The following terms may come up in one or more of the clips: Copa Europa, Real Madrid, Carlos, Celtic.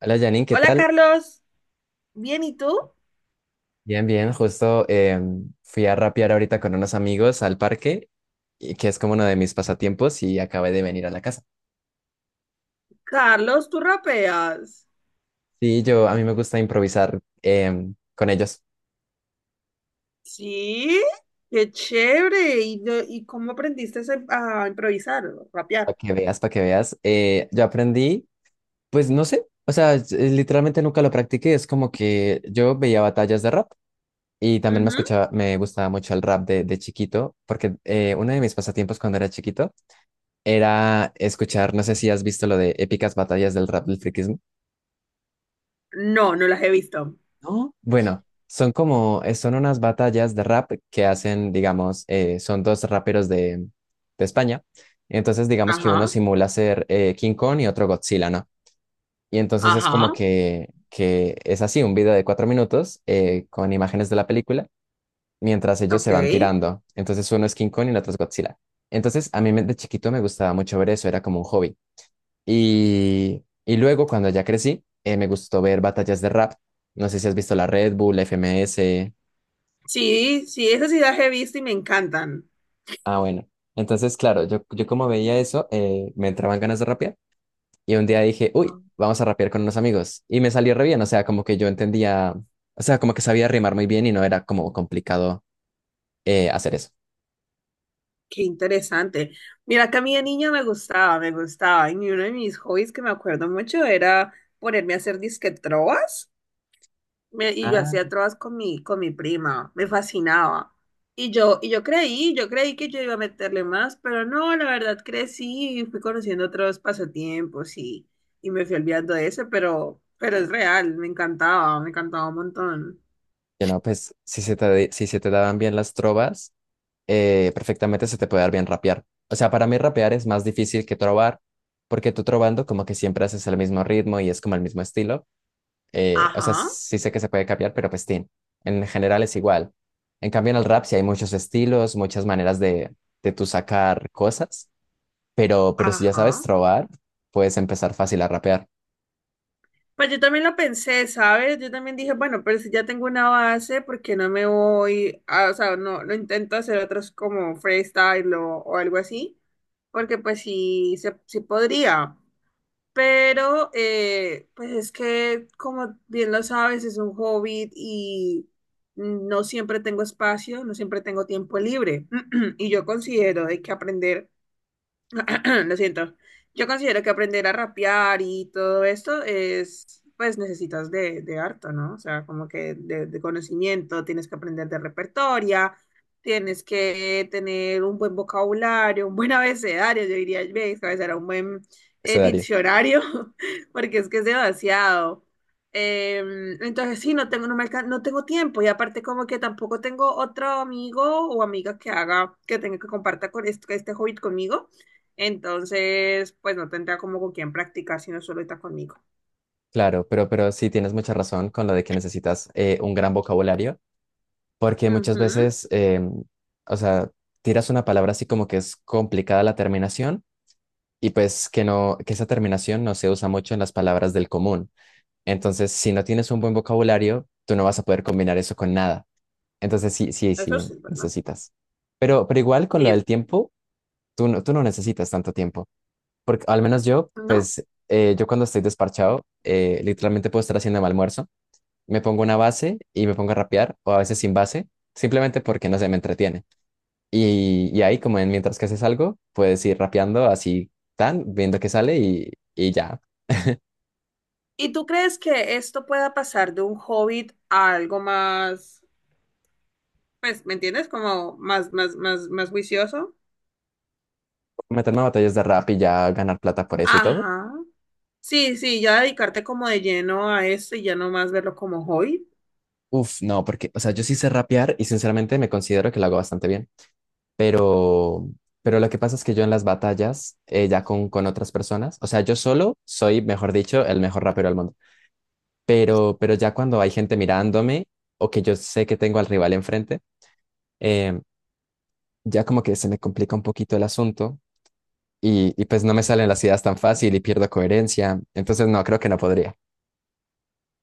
Hola Janine, ¿qué Hola tal? Carlos. Bien, ¿y tú? Bien, bien, justo fui a rapear ahorita con unos amigos al parque, y que es como uno de mis pasatiempos, y acabé de venir a la casa. Carlos, tú rapeas. Sí, yo, a mí me gusta improvisar con ellos, Sí, qué chévere. ¿Y, y cómo aprendiste a improvisar, para rapear? que veas, para que veas. Yo aprendí, pues no sé, o sea, literalmente nunca lo practiqué, es como que yo veía batallas de rap y también me Ujú. escuchaba, me gustaba mucho el rap de chiquito, porque uno de mis pasatiempos cuando era chiquito era escuchar, no sé si has visto lo de épicas batallas del rap del No, no las he visto. ¿no? Bueno, son como, son unas batallas de rap que hacen, digamos, son dos raperos de España. Entonces, digamos que uno Ajá, simula ser King Kong y otro Godzilla, ¿no? Y entonces es como ajá, que es así, un video de cuatro minutos con imágenes de la película, mientras ellos ok. se van tirando. Entonces uno es King Kong y el otro es Godzilla. Entonces, a mí me- de chiquito me gustaba mucho ver eso, era como un hobby. Y luego, cuando ya crecí, me gustó ver batallas de rap. No sé si has visto la Red Bull, la FMS. Sí, sí, esas sí las he visto y me encantan. Ah, bueno. Entonces, claro, yo como veía eso, me entraban ganas de rapear. Y un día dije, uy, Ah, vamos a rapear con unos amigos. Y me salió re bien. O sea, como que yo entendía, o sea, como que sabía rimar muy bien y no era como complicado hacer eso. qué interesante. Mira que a mí de niña me gustaba, me gustaba. Y uno de mis hobbies que me acuerdo mucho era ponerme a hacer disque trovas. Y yo hacía Ah. trovas con mi prima, me fascinaba. Y yo creí, yo creí que yo iba a meterle más, pero no, la verdad crecí y fui conociendo otros pasatiempos, y me fui olvidando de ese, pero es real, me encantaba un montón. Y no, pues si se te, si se te daban bien las trovas, perfectamente se te puede dar bien rapear. O sea, para mí rapear es más difícil que trobar, porque tú trobando como que siempre haces el mismo ritmo y es como el mismo estilo. O sea, Ajá, sí sé que se puede cambiar, pero pues tin, en general es igual. En cambio, en el rap sí hay muchos estilos, muchas maneras de tú sacar cosas, pero si ya sabes ajá. trobar, puedes empezar fácil a rapear, Pues yo también lo pensé, ¿sabes? Yo también dije, bueno, pero si ya tengo una base, ¿por qué no me voy a, o sea, no, no intento hacer otros como freestyle o algo así? Porque pues sí, se, sí podría. Pero, pues es que, como bien lo sabes, es un hobbit y no siempre tengo espacio, no siempre tengo tiempo libre. Y yo considero de que aprender lo siento. Yo considero que aprender a rapear y todo esto es, pues necesitas de harto, ¿no? O sea, como que de conocimiento, tienes que aprender de repertoria, tienes que tener un buen vocabulario, un buen abecedario, yo diría, ve, era un buen se daría. diccionario, porque es que es demasiado. Entonces, sí, no tengo, no tengo tiempo y aparte como que tampoco tengo otro amigo o amiga que haga, que tenga que comparta con este hobby conmigo. Entonces, pues no tendría como con quién practicar si no solo está conmigo. Claro, pero sí tienes mucha razón con lo de que necesitas un gran vocabulario. Porque muchas Ujú. veces, o sea, tiras una palabra así como que es complicada la terminación y pues que no, que esa terminación no se usa mucho en las palabras del común. Entonces, si no tienes un buen vocabulario, tú no vas a poder combinar eso con nada. Entonces, sí, sí, Eso sí, sí, ¿verdad? necesitas. Pero igual con lo Y, del tiempo, tú no necesitas tanto tiempo. Porque al menos yo, ¿no? pues, yo cuando estoy desparchado, literalmente puedo estar haciendo mi almuerzo, me pongo una base y me pongo a rapear, o a veces sin base, simplemente porque no se me entretiene. Y ahí, como en mientras que haces algo, puedes ir rapeando así, tan, viendo qué sale y ya. ¿Y tú crees que esto pueda pasar de un hobbit a algo más, pues, me entiendes? Como más, más, más, más juicioso. Meterme a batallas de rap y ya ganar plata por eso y todo. Ajá. Sí, sí, ya dedicarte como de lleno a esto y ya no más verlo como hobbit. Uf, no, porque, o sea, yo sí sé rapear y sinceramente me considero que lo hago bastante bien. Pero, pero lo que pasa es que yo en las batallas, ya con otras personas, o sea, yo solo soy, mejor dicho, el mejor rapero del mundo. Pero ya cuando hay gente mirándome o que yo sé que tengo al rival enfrente, em, ya como que se me complica un poquito el asunto y pues no me salen las ideas tan fácil y pierdo coherencia. Entonces, no, creo que no podría.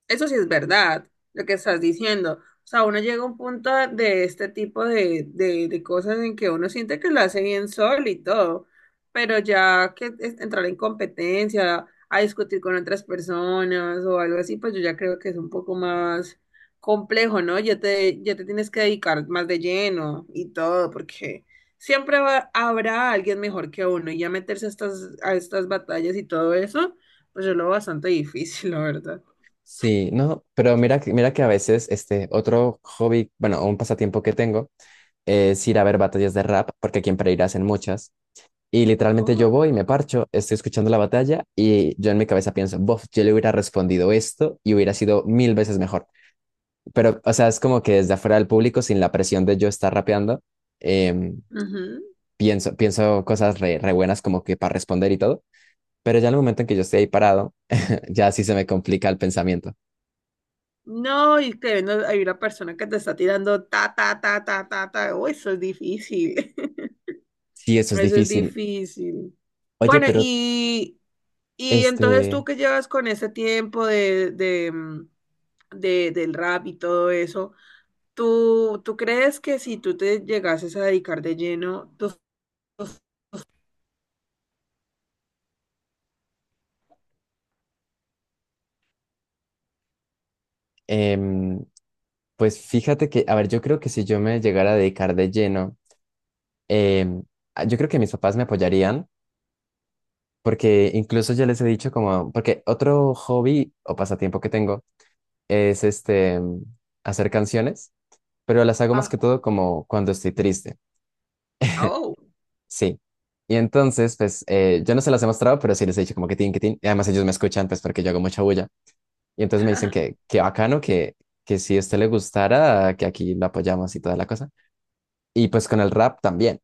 Eso sí es verdad, lo que estás diciendo. O sea, uno llega a un punto de este tipo de cosas en que uno siente que lo hace bien solo y todo, pero ya entrar en competencia, a discutir con otras personas o algo así, pues yo ya creo que es un poco más complejo, ¿no? Ya te tienes que dedicar más de lleno y todo, porque habrá alguien mejor que uno y ya meterse a estas batallas y todo eso, pues yo lo veo bastante difícil, la verdad. Sí, no, pero mira que a veces este otro hobby, bueno, un pasatiempo que tengo es ir a ver batallas de rap, porque aquí en Pereira hacen muchas. Y literalmente yo voy, me parcho, estoy escuchando la batalla y yo en mi cabeza pienso, bof, yo le hubiera respondido esto y hubiera sido mil veces mejor. Pero, o sea, es como que desde afuera del público, sin la presión de yo estar rapeando, em, Ujú. pienso, pienso cosas re, re buenas como que para responder y todo. Pero ya en el momento en que yo estoy ahí parado, ya sí se me complica el pensamiento. No, y que no, hay una persona que te está tirando ta, ta, ta, ta, ta, ta. Oh, eso es difícil. Sí, eso es Eso es difícil. difícil. Oye, Bueno, pero y entonces tú este, que llevas con ese tiempo de del rap y todo eso, ¿tú, tú crees que si tú te llegases a dedicar de lleno, tú... em, pues fíjate que, a ver, yo creo que si yo me llegara a dedicar de lleno, em, a- yo creo que mis papás me apoyarían, porque incluso ya les he dicho como, porque otro hobby o pasatiempo que tengo es hacer canciones, pero las hago más Ah, que todo como cuando estoy triste. oh. Sí. Y entonces, pues, yo no se las he mostrado, pero sí les he dicho como que tin, que tin. Y además ellos me escuchan, pues, porque yo hago mucha bulla. Y entonces me dicen que bacano, que si a usted le gustara, que aquí lo apoyamos y toda la cosa. Y pues con el rap también.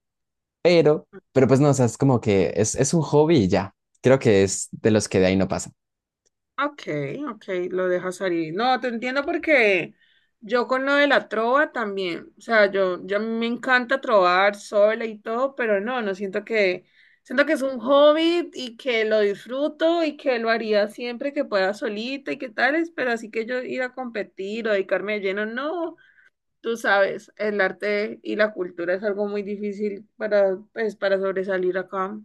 Pero, pero pues no, o sea, es como que es un hobby y ya. Creo que es de los que de ahí no pasa. Ok, ok, lo dejas salir. No, te entiendo porque yo con lo de la trova también, o sea, yo a mí me encanta trovar sola y todo, pero no, no siento que, siento que es un hobby y que lo disfruto y que lo haría siempre que pueda solita y que tales, pero así que yo ir a competir o dedicarme de lleno, no, tú sabes, el arte y la cultura es algo muy difícil para, pues, para sobresalir acá.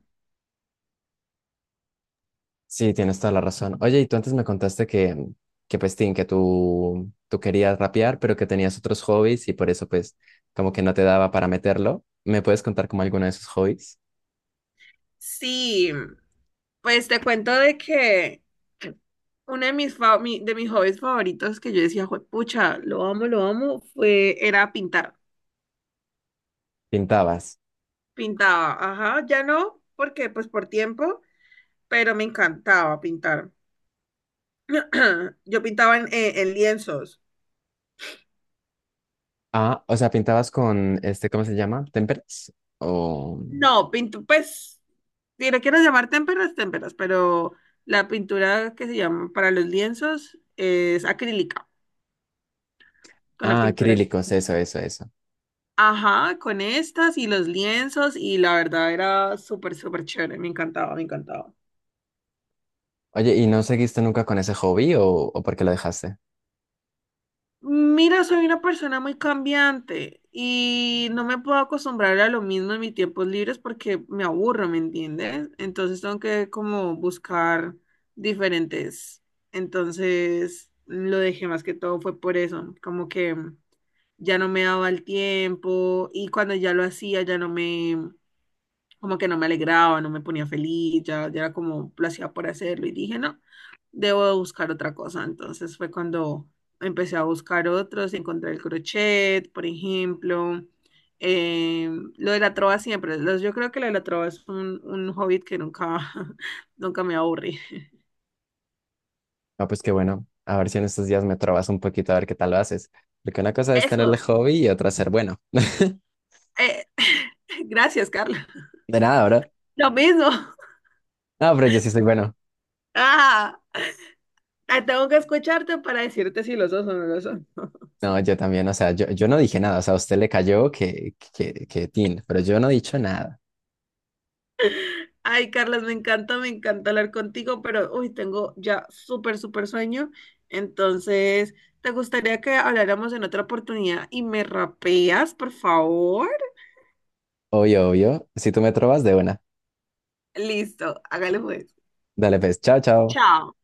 Sí, tienes toda la razón. Oye, y tú antes me contaste que pues, tin, que tú querías rapear, pero que tenías otros hobbies y por eso, pues, como que no te daba para meterlo. ¿Me puedes contar como alguno de esos hobbies? Sí, pues te cuento de que uno de de mis hobbies favoritos que yo decía, pucha, lo amo, fue, era pintar. Pintabas. Pintaba, ajá, ya no, porque pues por tiempo, pero me encantaba pintar. Yo pintaba en lienzos. Ah, o sea, pintabas con este, ¿cómo se llama? ¿Temperas? O. No, pinto, pues, si lo quieres llamar témperas, témperas, pero la pintura que se llama para los lienzos es acrílica, con la Ah, pintura. acrílicos, eso, eso, eso. Ajá, con estas y los lienzos, y la verdad era súper, súper chévere, me encantaba, me encantaba. Oye, ¿y no seguiste nunca con ese hobby o por qué lo dejaste? Mira, soy una persona muy cambiante y no me puedo acostumbrar a lo mismo en mis tiempos libres porque me aburro, ¿me entiendes? Entonces tengo que como buscar diferentes. Entonces lo dejé más que todo fue por eso, como que ya no me daba el tiempo y cuando ya lo hacía ya no me, como que no me alegraba, no me ponía feliz, ya, ya era como lo hacía por hacerlo y dije, no, debo de buscar otra cosa. Entonces fue cuando empecé a buscar otros, encontré el crochet, por ejemplo, eh, lo de la trova siempre, yo creo que lo de la trova es un hobby que nunca, nunca me aburrí. Ah, pues qué bueno. A ver si en estos días me trabas un poquito a ver qué tal lo haces. Porque una cosa es tener el Eso, hobby y otra ser bueno. eh, gracias, Carla. De nada, bro. Lo mismo. No, pero yo sí soy bueno. Ah, tengo que escucharte para decirte si los dos son o no lo son. No, yo también, o sea, yo no dije nada. O sea, a usted le cayó que, tin, pero yo no he dicho nada. Ay, Carlos, me encanta hablar contigo, pero uy, tengo ya súper, súper sueño. Entonces, ¿te gustaría que habláramos en otra oportunidad y me rapeas, por favor? Obvio, obvio. Si tú me trobas de una. Listo, hágale pues. Dale, pues, chao, chao. Chao.